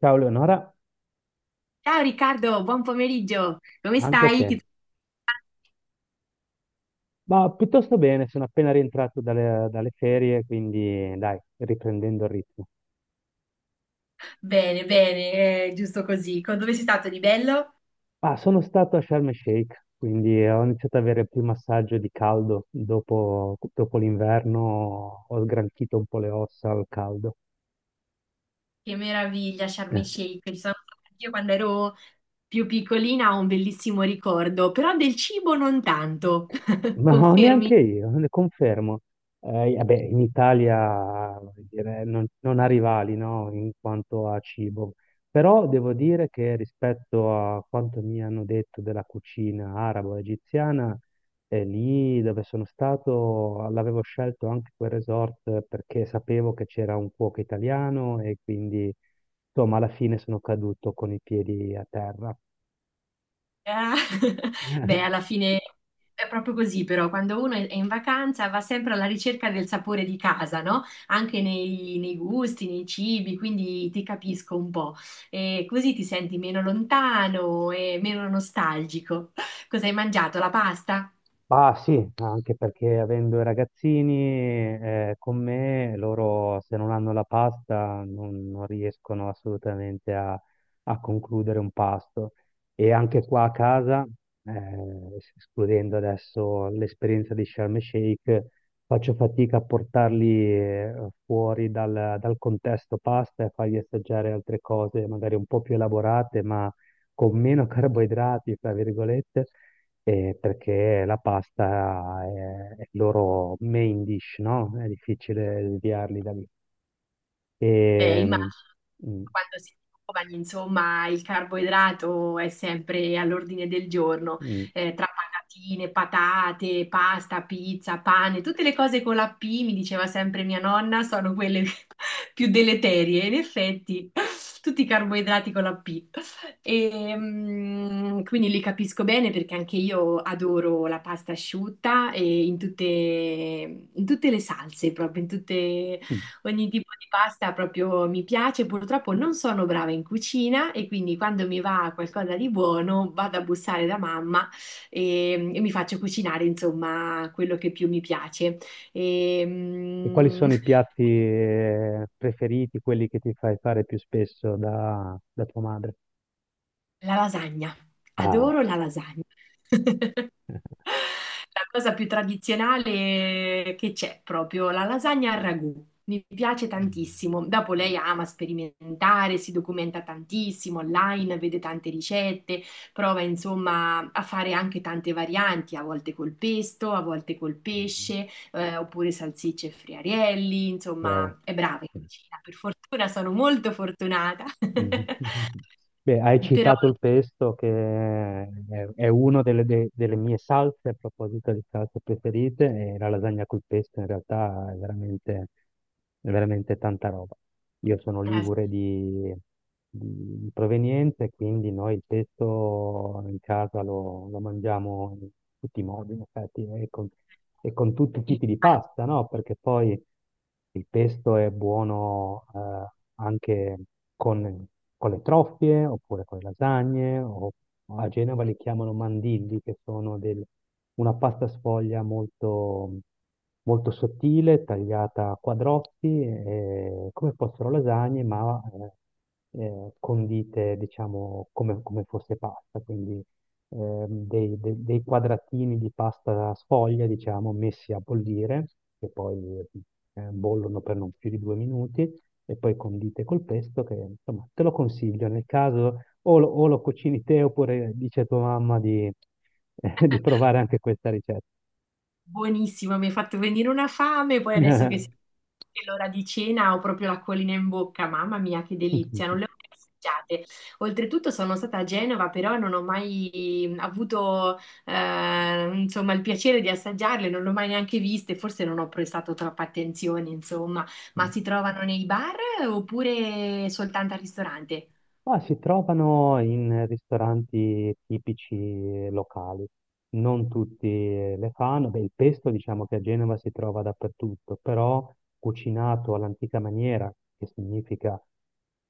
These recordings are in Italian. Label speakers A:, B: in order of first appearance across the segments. A: Ciao Leonora,
B: Ciao Riccardo, buon pomeriggio. Come
A: anche a
B: stai?
A: te.
B: Ti-
A: Ma piuttosto bene, sono appena rientrato dalle ferie, quindi dai, riprendendo il ritmo.
B: Bene, bene, giusto così. Co- Dove sei stato di bello?
A: Ah, sono stato a Sharm el Sheikh, quindi ho iniziato ad avere il primo assaggio di caldo dopo l'inverno, ho sgranchito un po' le ossa al caldo.
B: Che meraviglia, Sharm el Sheikh. Ci sono stata io quando ero più piccolina, ho un bellissimo ricordo, però del cibo non tanto.
A: Ma no,
B: Confermi?
A: neanche io, ne confermo. Vabbè, in Italia voglio dire, non ha rivali, no, in quanto a cibo, però devo dire che rispetto a quanto mi hanno detto della cucina arabo-egiziana, lì dove sono stato l'avevo scelto anche quel resort perché sapevo che c'era un cuoco italiano e quindi, insomma, alla fine sono caduto con i piedi a terra.
B: Ah, beh, alla fine è proprio così, però quando uno è in vacanza va sempre alla ricerca del sapore di casa, no? Anche nei gusti, nei cibi, quindi ti capisco un po'. E così ti senti meno lontano e meno nostalgico. Cosa hai mangiato? La pasta?
A: Ah sì, anche perché avendo i ragazzini con me, loro se non hanno la pasta non riescono assolutamente a concludere un pasto. E anche qua a casa, escludendo adesso l'esperienza di Sharm el Sheikh, faccio fatica a portarli fuori dal contesto pasta e fargli assaggiare altre cose magari un po' più elaborate, ma con meno carboidrati, fra virgolette perché la è il loro main dish, no? È difficile sviarli da lì. E,
B: Immagino
A: mm,
B: quando si è giovani, insomma, il carboidrato è sempre all'ordine del giorno,
A: mm,
B: tra patatine, patate, pasta, pizza, pane, tutte le cose con la P, mi diceva sempre mia nonna, sono quelle più deleterie. In effetti, tutti i carboidrati con la P. E, quindi li capisco bene perché anche io adoro la pasta asciutta e in tutte le salse, proprio in tutte.
A: mm.
B: Ogni tipo di pasta proprio mi piace, purtroppo non sono brava in cucina e quindi quando mi va qualcosa di buono vado a bussare da mamma e mi faccio cucinare insomma quello che più mi piace. E,
A: E quali sono i piatti preferiti, quelli che ti fai fare più spesso da tua madre?
B: la lasagna,
A: Ah,
B: adoro la lasagna. La cosa più tradizionale che c'è, proprio la lasagna al ragù. Mi piace tantissimo. Dopo lei ama sperimentare, si documenta tantissimo online, vede tante ricette, prova insomma a fare anche tante varianti, a volte col pesto, a volte col
A: mm.
B: pesce, oppure salsicce e friarielli,
A: Wow.
B: insomma, è brava in cucina. Per fortuna sono molto fortunata.
A: Mm. Beh, hai
B: Però
A: citato il pesto è una delle mie salse, a proposito di salse preferite, e la lasagna col pesto in realtà è veramente tanta roba. Io sono
B: eh,
A: ligure di provenienza, quindi noi il pesto in casa lo mangiamo in tutti i modi, in effetti, e con tutti i
B: sì,
A: tipi di pasta, no? Perché poi... Il pesto è buono anche con, con le troffie oppure con le lasagne, o a Genova li chiamano mandilli, che sono del- una pasta sfoglia molto sottile, tagliata a quadrotti, come fossero lasagne, ma condite, diciamo, come fosse pasta. Quindi dei quadratini di pasta sfoglia, diciamo, messi a bollire, che poi bollono per non più di due minuti, e poi condite col pesto, che insomma te lo consiglio nel caso o lo cucini te oppure dice a tua mamma di, di provare anche questa ricetta.
B: buonissimo, mi hai fatto venire una fame, poi adesso che si- che è l'ora di cena ho proprio l'acquolina in bocca, mamma mia che delizia, non le ho mai assaggiate. Oltretutto sono stata a Genova, però non ho mai avuto insomma, il piacere di assaggiarle, non le ho mai neanche viste, forse non ho prestato troppa attenzione, insomma, ma si trovano nei bar oppure soltanto al ristorante?
A: Ma si trovano in ristoranti tipici locali. Non tutti le fanno. Beh, il pesto diciamo che a Genova si trova dappertutto, però cucinato all'antica maniera, che significa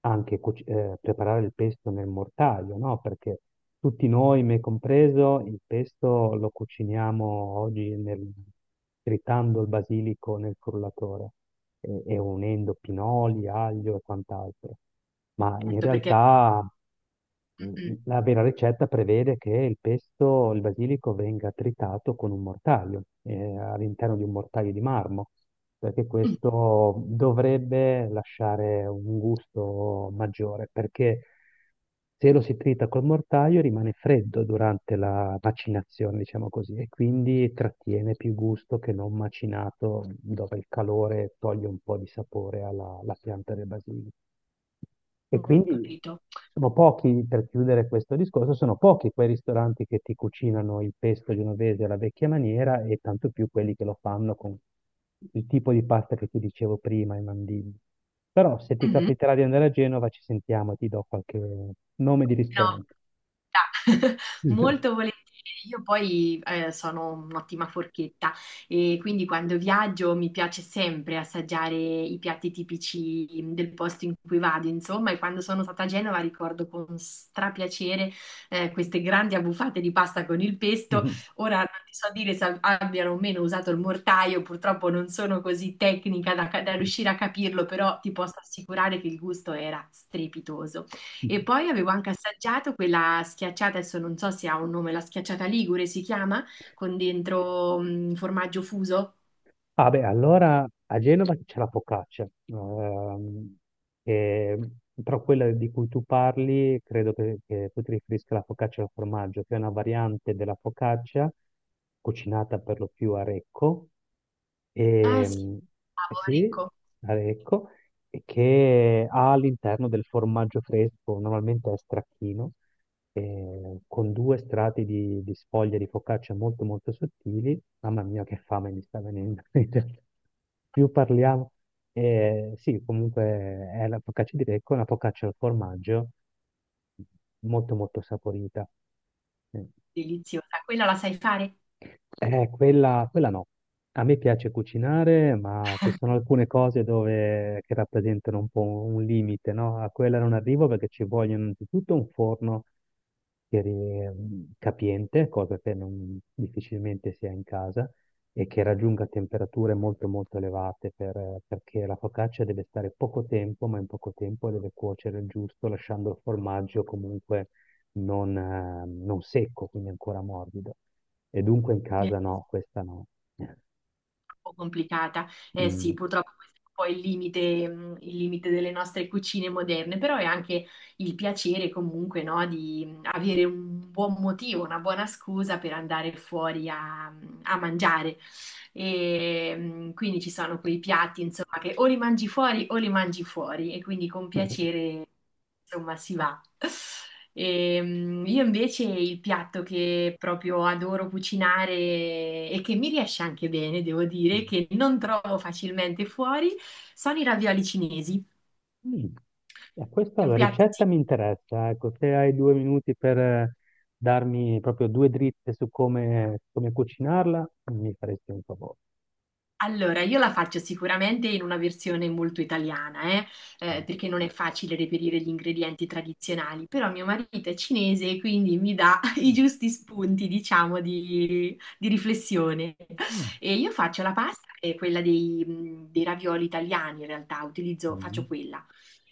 A: anche preparare il pesto nel mortaio, no? Perché tutti noi, me compreso, il pesto lo cuciniamo oggi nel- tritando il basilico nel frullatore e unendo pinoli, aglio e quant'altro. Ma in
B: Certo, perché...
A: realtà.
B: Mm,
A: La vera ricetta prevede che il pesto, il basilico, venga tritato con un mortaio, all'interno di un mortaio di marmo, perché
B: mm,
A: questo dovrebbe lasciare un gusto maggiore, perché se lo si trita col mortaio rimane freddo durante la macinazione, diciamo così, e quindi trattiene più gusto che non macinato, dove il calore toglie un po' di sapore alla alla pianta del basilico. E
B: mm, ho
A: quindi
B: capito.
A: sono pochi, per chiudere questo discorso, sono pochi quei ristoranti che ti cucinano il pesto genovese alla vecchia maniera e tanto più quelli che lo fanno con il tipo di pasta che ti dicevo prima, i mandini. Però se ti
B: Mm-hmm.
A: capiterà di andare a Genova ci sentiamo e ti do qualche nome di
B: No,
A: ristorante.
B: verità. Molto volentieri. Io poi sono un'ottima forchetta e quindi quando viaggio mi piace sempre assaggiare i piatti tipici del posto in cui vado, insomma, e quando sono stata a Genova ricordo con strapiacere queste grandi abbuffate di pasta con il pesto. Ora non ti so dire se abbiano o meno usato il mortaio, purtroppo non sono così tecnica da riuscire a capirlo, però ti posso assicurare che il gusto era strepitoso. E poi avevo anche assaggiato quella schiacciata, adesso non so se ha un nome, la schiacciata ligure si chiama, con dentro formaggio fuso.
A: Ah beh, allora a Genova c'è la focaccia, che- però quella di cui tu parli credo che tu ti riferisca alla focaccia al formaggio, che è una variante della focaccia cucinata per lo più a Recco,
B: Ah sì,
A: ehm, eh
B: cavolo,
A: sì,
B: ecco,
A: a Recco, e che ha all'interno del formaggio fresco, normalmente è stracchino, con due strati di sfoglia di focaccia molto molto sottili. Mamma mia, che fame mi sta venendo. In realtà. Più parliamo. Sì, comunque è la focaccia di becco, una focaccia al formaggio molto molto saporita. Eh,
B: deliziosa. Quella la sai fare?
A: quella no. A me piace cucinare, ma ci sono alcune cose dove, che rappresentano un po' un limite, no? A quella non arrivo perché ci vogliono innanzitutto un forno che ri- capiente, cosa che non- difficilmente si ha in casa, e che raggiunga temperature molto molto elevate per- perché la focaccia deve stare poco tempo, ma in poco tempo deve cuocere il giusto, lasciando il formaggio comunque non secco, quindi ancora morbido. E dunque in casa no, questa no.
B: Po' complicata.
A: Mm.
B: Eh sì,
A: Mm.
B: purtroppo questo è un po' il limite delle nostre cucine moderne, però è anche il piacere comunque, no, di avere un buon motivo, una buona scusa per andare fuori a mangiare. E, quindi ci sono quei piatti, insomma, che o li mangi fuori o li mangi fuori e quindi con piacere insomma, si va. Io invece il piatto che proprio adoro cucinare e che mi riesce anche bene, devo dire, che non trovo facilmente fuori, sono i ravioli cinesi.
A: Questa
B: È un
A: la
B: piatto
A: ricetta
B: sì,
A: mi interessa, ecco, se hai due minuti per darmi proprio due dritte su come cucinarla, mi faresti un favore.
B: allora, io la faccio sicuramente in una versione molto italiana, perché non è facile reperire gli ingredienti tradizionali, però mio marito è cinese e quindi mi dà i
A: Mm.
B: giusti spunti, diciamo, di riflessione.
A: Mm.
B: E io faccio la pasta, che è quella dei, dei ravioli italiani, in realtà, utilizzo,
A: Mm.
B: faccio quella.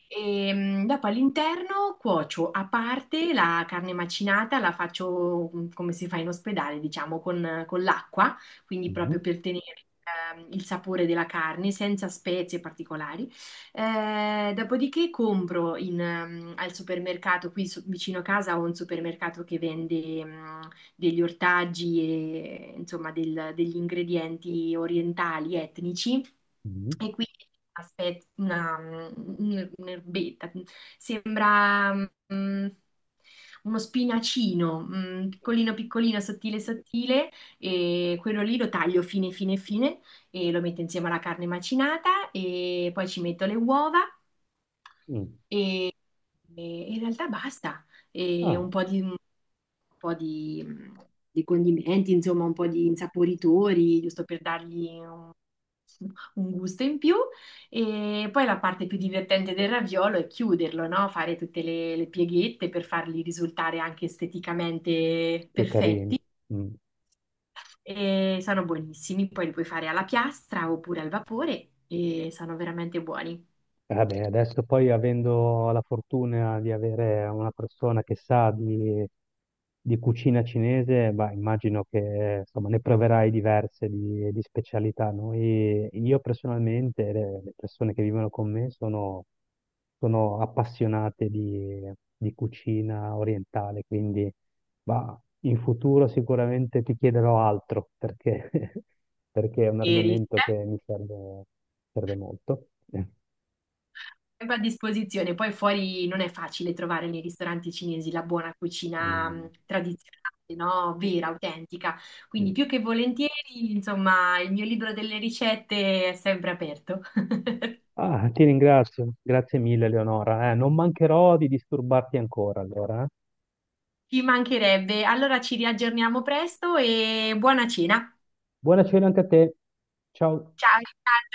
B: E dopo all'interno cuocio a parte la carne macinata, la faccio come si fa in ospedale, diciamo, con l'acqua, quindi
A: Mm.
B: proprio per tenere il sapore della carne senza spezie particolari. Dopodiché compro in, al supermercato, qui so- vicino a casa ho un supermercato che vende degli ortaggi e insomma del- degli ingredienti orientali, etnici.
A: Mm.
B: E quindi aspetta, una, un- un'erbetta, sembra mm, uno spinacino, mm, piccolino piccolino, sottile sottile, e quello lì lo taglio fine fine fine e lo metto insieme alla carne macinata e poi ci metto le uova
A: Mm.
B: e, e in realtà basta, e
A: Ah,
B: un po' di, di condimenti, insomma un po' di insaporitori, giusto per dargli un gusto in più e poi la parte più divertente del raviolo è chiuderlo, no? Fare tutte le pieghette per farli risultare anche esteticamente
A: più carini.
B: perfetti
A: Mm.
B: e sono buonissimi, poi li puoi fare alla piastra oppure al vapore e sono veramente buoni.
A: Vabbè, adesso poi avendo la fortuna di avere una persona che sa di cucina cinese, bah, immagino che insomma, ne proverai diverse di specialità. Noi, io personalmente, e le persone che vivono con me sono appassionate di cucina orientale, quindi bah, in futuro sicuramente ti chiederò altro perché, perché è un
B: E ris-
A: argomento che mi serve molto.
B: sempre a disposizione. Poi fuori non è facile trovare nei ristoranti cinesi la buona cucina
A: Mm.
B: tradizionale, no? Vera, autentica. Quindi più che volentieri, insomma, il mio libro delle ricette è sempre aperto.
A: Ah, ti ringrazio, grazie mille Leonora. Non mancherò di disturbarti ancora allora. Eh.
B: Ci mancherebbe. Allora ci riaggiorniamo presto e buona cena.
A: Buona cena anche a te. Ciao.
B: Ciao, Riccardo,